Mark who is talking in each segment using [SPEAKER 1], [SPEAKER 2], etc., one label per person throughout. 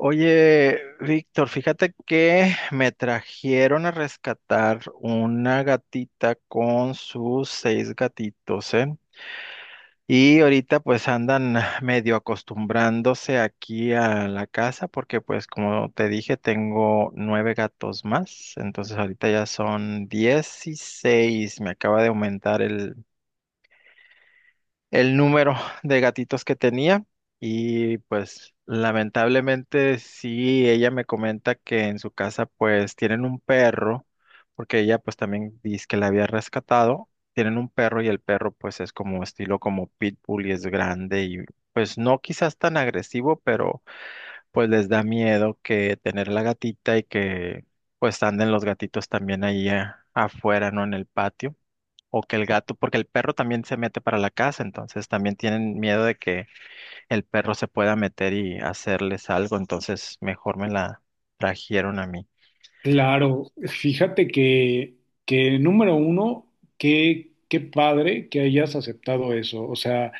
[SPEAKER 1] Oye, Víctor, fíjate que me trajeron a rescatar una gatita con sus 6 gatitos, ¿eh? Y ahorita pues andan medio acostumbrándose aquí a la casa porque pues como te dije tengo 9 gatos más, entonces ahorita ya son 16, me acaba de aumentar el número de gatitos que tenía. Y pues lamentablemente sí, ella me comenta que en su casa pues tienen un perro, porque ella pues también dice que la había rescatado, tienen un perro y el perro pues es como estilo como pitbull y es grande, y pues no quizás tan agresivo, pero pues les da miedo que tener la gatita y que pues anden los gatitos también ahí afuera, ¿no? En el patio, o que el gato, porque el perro también se mete para la casa, entonces también tienen miedo de que el perro se pueda meter y hacerles algo, entonces mejor me la trajeron a mí.
[SPEAKER 2] Claro, fíjate que número uno, qué padre que hayas aceptado eso. O sea,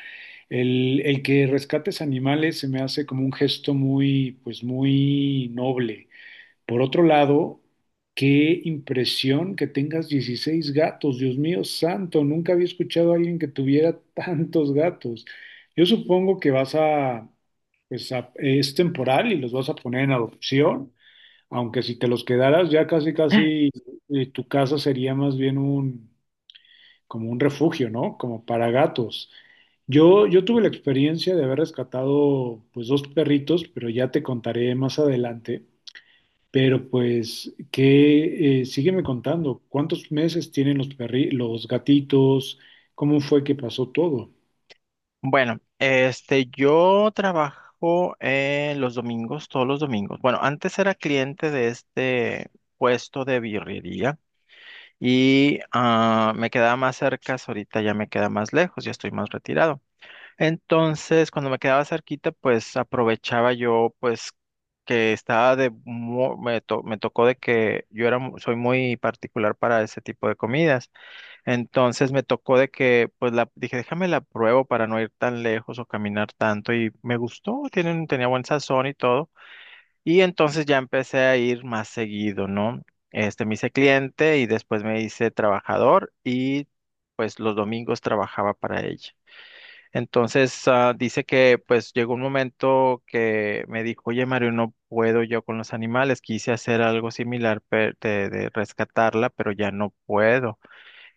[SPEAKER 2] el que rescates animales se me hace como un gesto pues muy noble. Por otro lado, qué impresión que tengas 16 gatos. Dios mío santo, nunca había escuchado a alguien que tuviera tantos gatos. Yo supongo que vas a, pues a- es temporal y los vas a poner en adopción. Aunque si te los quedaras ya casi casi tu casa sería más bien un como un refugio, ¿no? Como para gatos. Yo tuve la experiencia de haber rescatado pues dos perritos, pero ya te contaré más adelante. Pero pues que sígueme contando, ¿cuántos meses tienen los gatitos? ¿Cómo fue que pasó todo?
[SPEAKER 1] Bueno, este, yo trabajo los domingos, todos los domingos. Bueno, antes era cliente de este puesto de birrería y me quedaba más cerca, ahorita ya me queda más lejos, ya estoy más retirado. Entonces, cuando me quedaba cerquita, pues aprovechaba yo, pues que estaba de, me tocó de que yo era, soy muy particular para ese tipo de comidas. Entonces me tocó de que, pues la, dije, déjame la pruebo para no ir tan lejos o caminar tanto y me gustó, tienen, tenía buen sazón y todo. Y entonces ya empecé a ir más seguido, ¿no? Este, me hice cliente y después me hice trabajador, y pues los domingos trabajaba para ella. Entonces, dice que pues llegó un momento que me dijo, oye Mario, no puedo yo con los animales, quise hacer algo similar de, rescatarla, pero ya no puedo.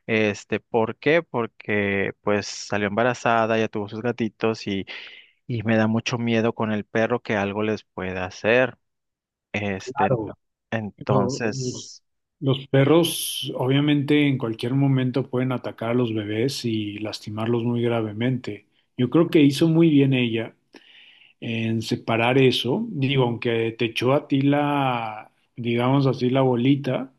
[SPEAKER 1] Este, ¿por qué? Porque pues salió embarazada, ya tuvo sus gatitos y me da mucho miedo con el perro que algo les pueda hacer. Este,
[SPEAKER 2] Claro, lo- los,
[SPEAKER 1] entonces...
[SPEAKER 2] los perros, obviamente, en cualquier momento pueden atacar a los bebés y lastimarlos muy gravemente. Yo creo que hizo muy bien ella en separar eso. Digo, aunque te echó a ti la, digamos así, la bolita,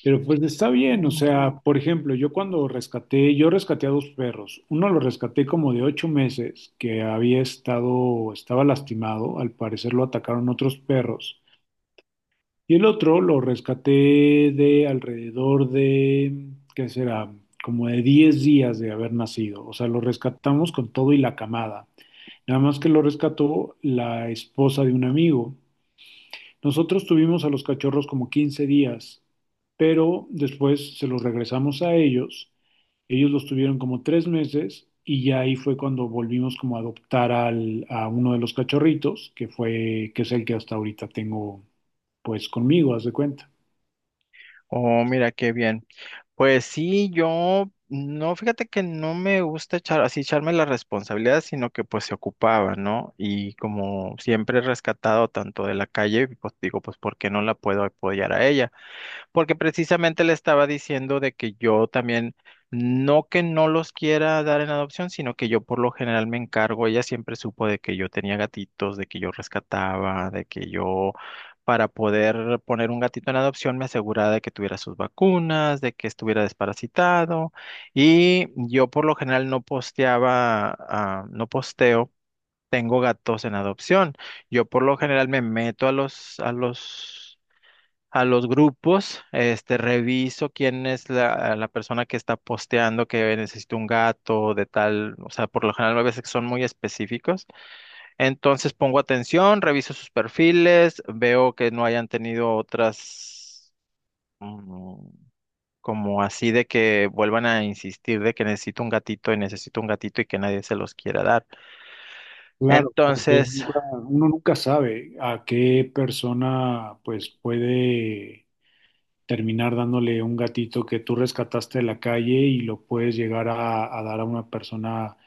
[SPEAKER 2] pero pues está bien. O sea, por ejemplo, yo rescaté a dos perros. Uno lo rescaté como de 8 meses, que estaba lastimado. Al parecer lo atacaron otros perros. Y el otro lo rescaté de alrededor de, ¿qué será? Como de 10 días de haber nacido. O sea, lo rescatamos con todo y la camada. Nada más que lo rescató la esposa de un amigo. Nosotros tuvimos a los cachorros como 15 días, pero después se los regresamos a ellos. Ellos los tuvieron como 3 meses y ya ahí fue cuando volvimos como a a uno de los cachorritos, que es el que hasta ahorita tengo pues conmigo, haz de cuenta.
[SPEAKER 1] Oh, mira qué bien. Pues sí, yo no, fíjate que no me gusta echar así echarme la responsabilidad, sino que pues se ocupaba, ¿no? Y como siempre he rescatado tanto de la calle, pues digo, pues ¿por qué no la puedo apoyar a ella? Porque precisamente le estaba diciendo de que yo también, no que no los quiera dar en adopción, sino que yo por lo general me encargo. Ella siempre supo de que yo tenía gatitos, de que yo rescataba, de que yo para poder poner un gatito en adopción me aseguraba de que tuviera sus vacunas, de que estuviera desparasitado. Y yo por lo general no posteaba, no posteo, tengo gatos en adopción. Yo por lo general me meto a los, a los grupos, este, reviso quién es la, la persona que está posteando que necesito un gato de tal, o sea, por lo general a veces son muy específicos. Entonces pongo atención, reviso sus perfiles, veo que no hayan tenido otras, mm, como así de que vuelvan a insistir de que necesito un gatito y necesito un gatito y que nadie se los quiera dar.
[SPEAKER 2] Claro, porque
[SPEAKER 1] Entonces,
[SPEAKER 2] uno nunca sabe a qué persona pues puede terminar dándole un gatito que tú rescataste de la calle y lo puedes llegar a dar a una persona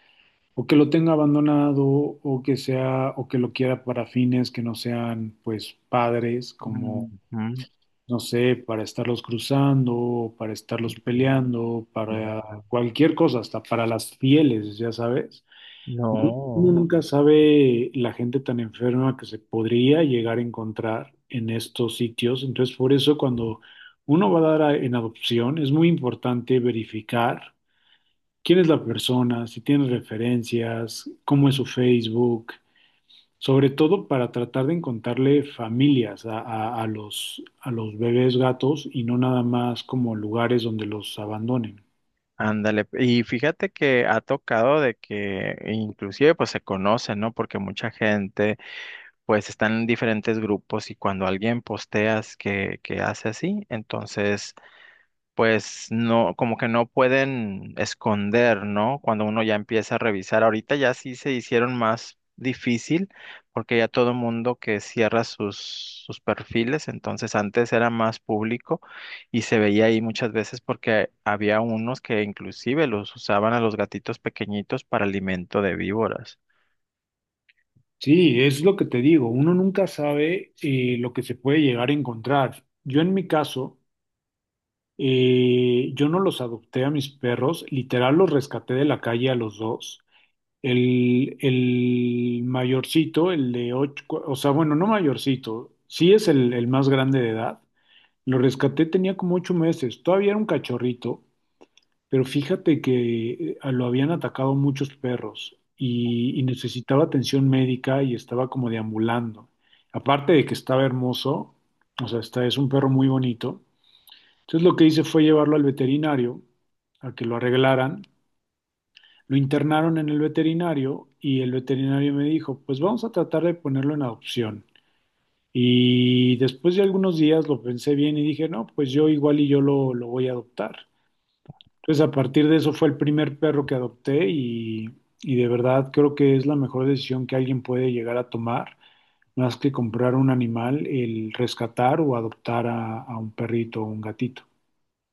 [SPEAKER 2] o que lo tenga abandonado o que sea o que lo quiera para fines que no sean pues padres como
[SPEAKER 1] mm, mm,
[SPEAKER 2] no sé, para estarlos cruzando, para estarlos
[SPEAKER 1] mm,
[SPEAKER 2] peleando, para
[SPEAKER 1] mm,
[SPEAKER 2] cualquier cosa, hasta para las fieles, ya sabes. Uno
[SPEAKER 1] no.
[SPEAKER 2] nunca sabe la gente tan enferma que se podría llegar a encontrar en estos sitios. Entonces, por eso cuando uno va a en adopción, es muy importante verificar quién es la persona, si tiene referencias, cómo es su Facebook, sobre todo para tratar de encontrarle familias a a los bebés gatos y no nada más como lugares donde los abandonen.
[SPEAKER 1] Ándale, y fíjate que ha tocado de que inclusive pues se conocen, ¿no? Porque mucha gente pues está en diferentes grupos y cuando alguien posteas que hace así, entonces pues no, como que no pueden esconder, ¿no? Cuando uno ya empieza a revisar, ahorita ya sí se hicieron más difícil porque ya todo mundo que cierra sus, sus perfiles, entonces antes era más público y se veía ahí muchas veces porque había unos que inclusive los usaban a los gatitos pequeñitos para alimento de víboras.
[SPEAKER 2] Sí, es lo que te digo, uno nunca sabe lo que se puede llegar a encontrar. Yo en mi caso, yo no los adopté a mis perros, literal los rescaté de la calle a los dos. El mayorcito, el de ocho, cu- o sea, bueno, no mayorcito, sí es el más grande de edad. Lo rescaté, tenía como 8 meses, todavía era un cachorrito. Pero fíjate que lo habían atacado muchos perros y necesitaba atención médica y estaba como deambulando. Aparte de que estaba hermoso, o sea, es un perro muy bonito. Entonces lo que hice fue llevarlo al veterinario a que lo arreglaran. Lo internaron en el veterinario y el veterinario me dijo, pues vamos a tratar de ponerlo en adopción. Y después de algunos días lo pensé bien y dije, no, pues yo igual y lo voy a adoptar. Entonces, a partir de eso fue el primer perro que adopté y de verdad creo que es la mejor decisión que alguien puede llegar a tomar, más que comprar un animal, el rescatar o adoptar a un perrito o un gatito.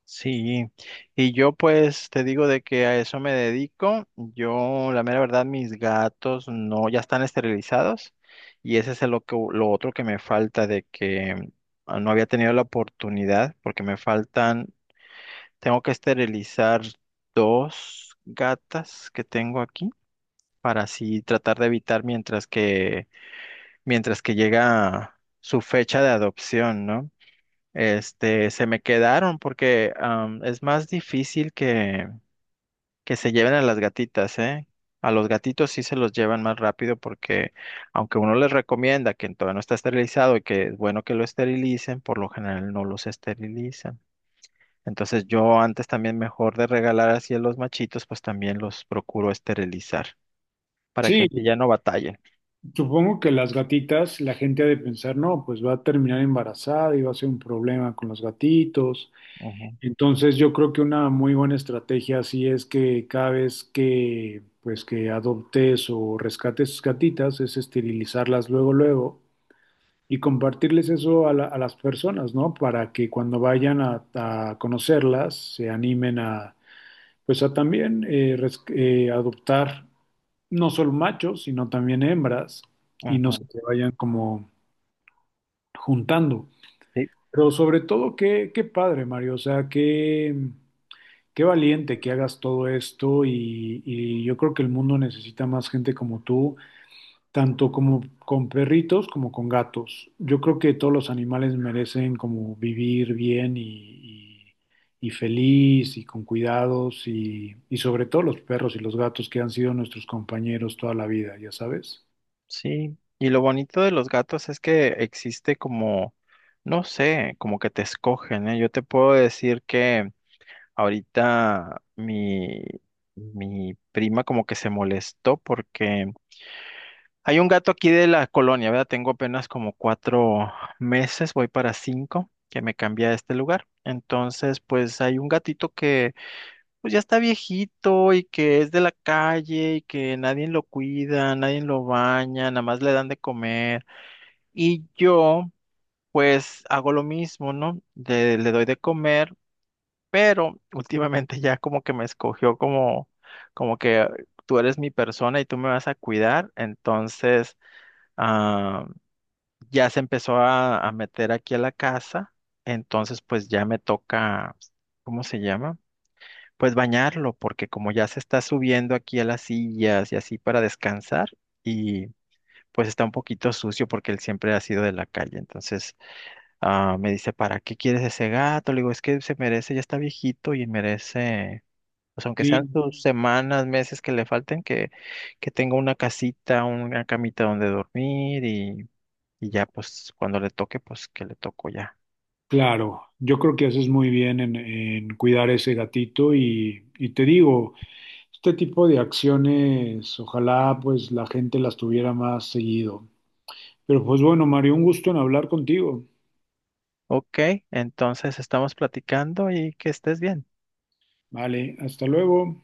[SPEAKER 1] Sí, y yo pues te digo de que a eso me dedico. Yo, la mera verdad, mis gatos no, ya están esterilizados, y ese es el lo que, lo otro que me falta de que no había tenido la oportunidad porque me faltan, tengo que esterilizar 2 gatas que tengo aquí para así tratar de evitar mientras que llega su fecha de adopción, ¿no? Este, se me quedaron porque es más difícil que se lleven a las gatitas, ¿eh? A los gatitos sí se los llevan más rápido porque aunque uno les recomienda que todavía no está esterilizado y que es bueno que lo esterilicen, por lo general no los esterilizan. Entonces yo antes también mejor de regalar así a los machitos, pues también los procuro esterilizar para que así
[SPEAKER 2] Sí,
[SPEAKER 1] ya no batallen.
[SPEAKER 2] supongo que las gatitas, la gente ha de pensar, no, pues va a terminar embarazada y va a ser un problema con los gatitos.
[SPEAKER 1] Ujú,
[SPEAKER 2] Entonces, yo creo que una muy buena estrategia así es que cada vez que adoptes o rescates gatitas es esterilizarlas luego luego y compartirles eso a las personas, ¿no? Para que cuando vayan a conocerlas se animen a, pues a también adoptar no solo machos, sino también hembras y no
[SPEAKER 1] ujú.
[SPEAKER 2] se te vayan como juntando.
[SPEAKER 1] Sí,
[SPEAKER 2] Pero sobre todo, qué padre, Mario, o sea, qué valiente que hagas todo esto y yo creo que el mundo necesita más gente como tú tanto como con perritos como con gatos. Yo creo que todos los animales merecen como vivir bien y feliz y con cuidados y sobre todo los perros y los gatos que han sido nuestros compañeros toda la vida, ya sabes.
[SPEAKER 1] sí, y lo bonito de los gatos es que existe como, no sé, como que te escogen, ¿eh? Yo te puedo decir que ahorita mi, mi prima como que se molestó porque hay un gato aquí de la colonia, ¿verdad? Tengo apenas como 4 meses, voy para 5, que me cambié a este lugar. Entonces, pues hay un gatito que pues ya está viejito y que es de la calle y que nadie lo cuida, nadie lo baña, nada más le dan de comer. Y yo, pues, hago lo mismo, ¿no? Le doy de comer, pero últimamente ya como que me escogió como, como que tú eres mi persona y tú me vas a cuidar. Entonces, ah, ya se empezó a meter aquí a la casa. Entonces, pues ya me toca, ¿cómo se llama? Pues bañarlo, porque como ya se está subiendo aquí a las sillas y así para descansar, y pues está un poquito sucio porque él siempre ha sido de la calle. Entonces, ah, me dice, ¿para qué quieres ese gato? Le digo, es que se merece, ya está viejito y merece, pues aunque sean
[SPEAKER 2] Sí,
[SPEAKER 1] sus semanas, meses que le falten, que tenga una casita, una camita donde dormir, y ya, pues cuando le toque, pues que le toco ya.
[SPEAKER 2] claro. Yo creo que haces muy bien en cuidar ese gatito y te digo, este tipo de acciones, ojalá pues la gente las tuviera más seguido. Pero pues bueno, Mario, un gusto en hablar contigo.
[SPEAKER 1] Ok, entonces estamos platicando y que estés bien.
[SPEAKER 2] Vale, hasta luego.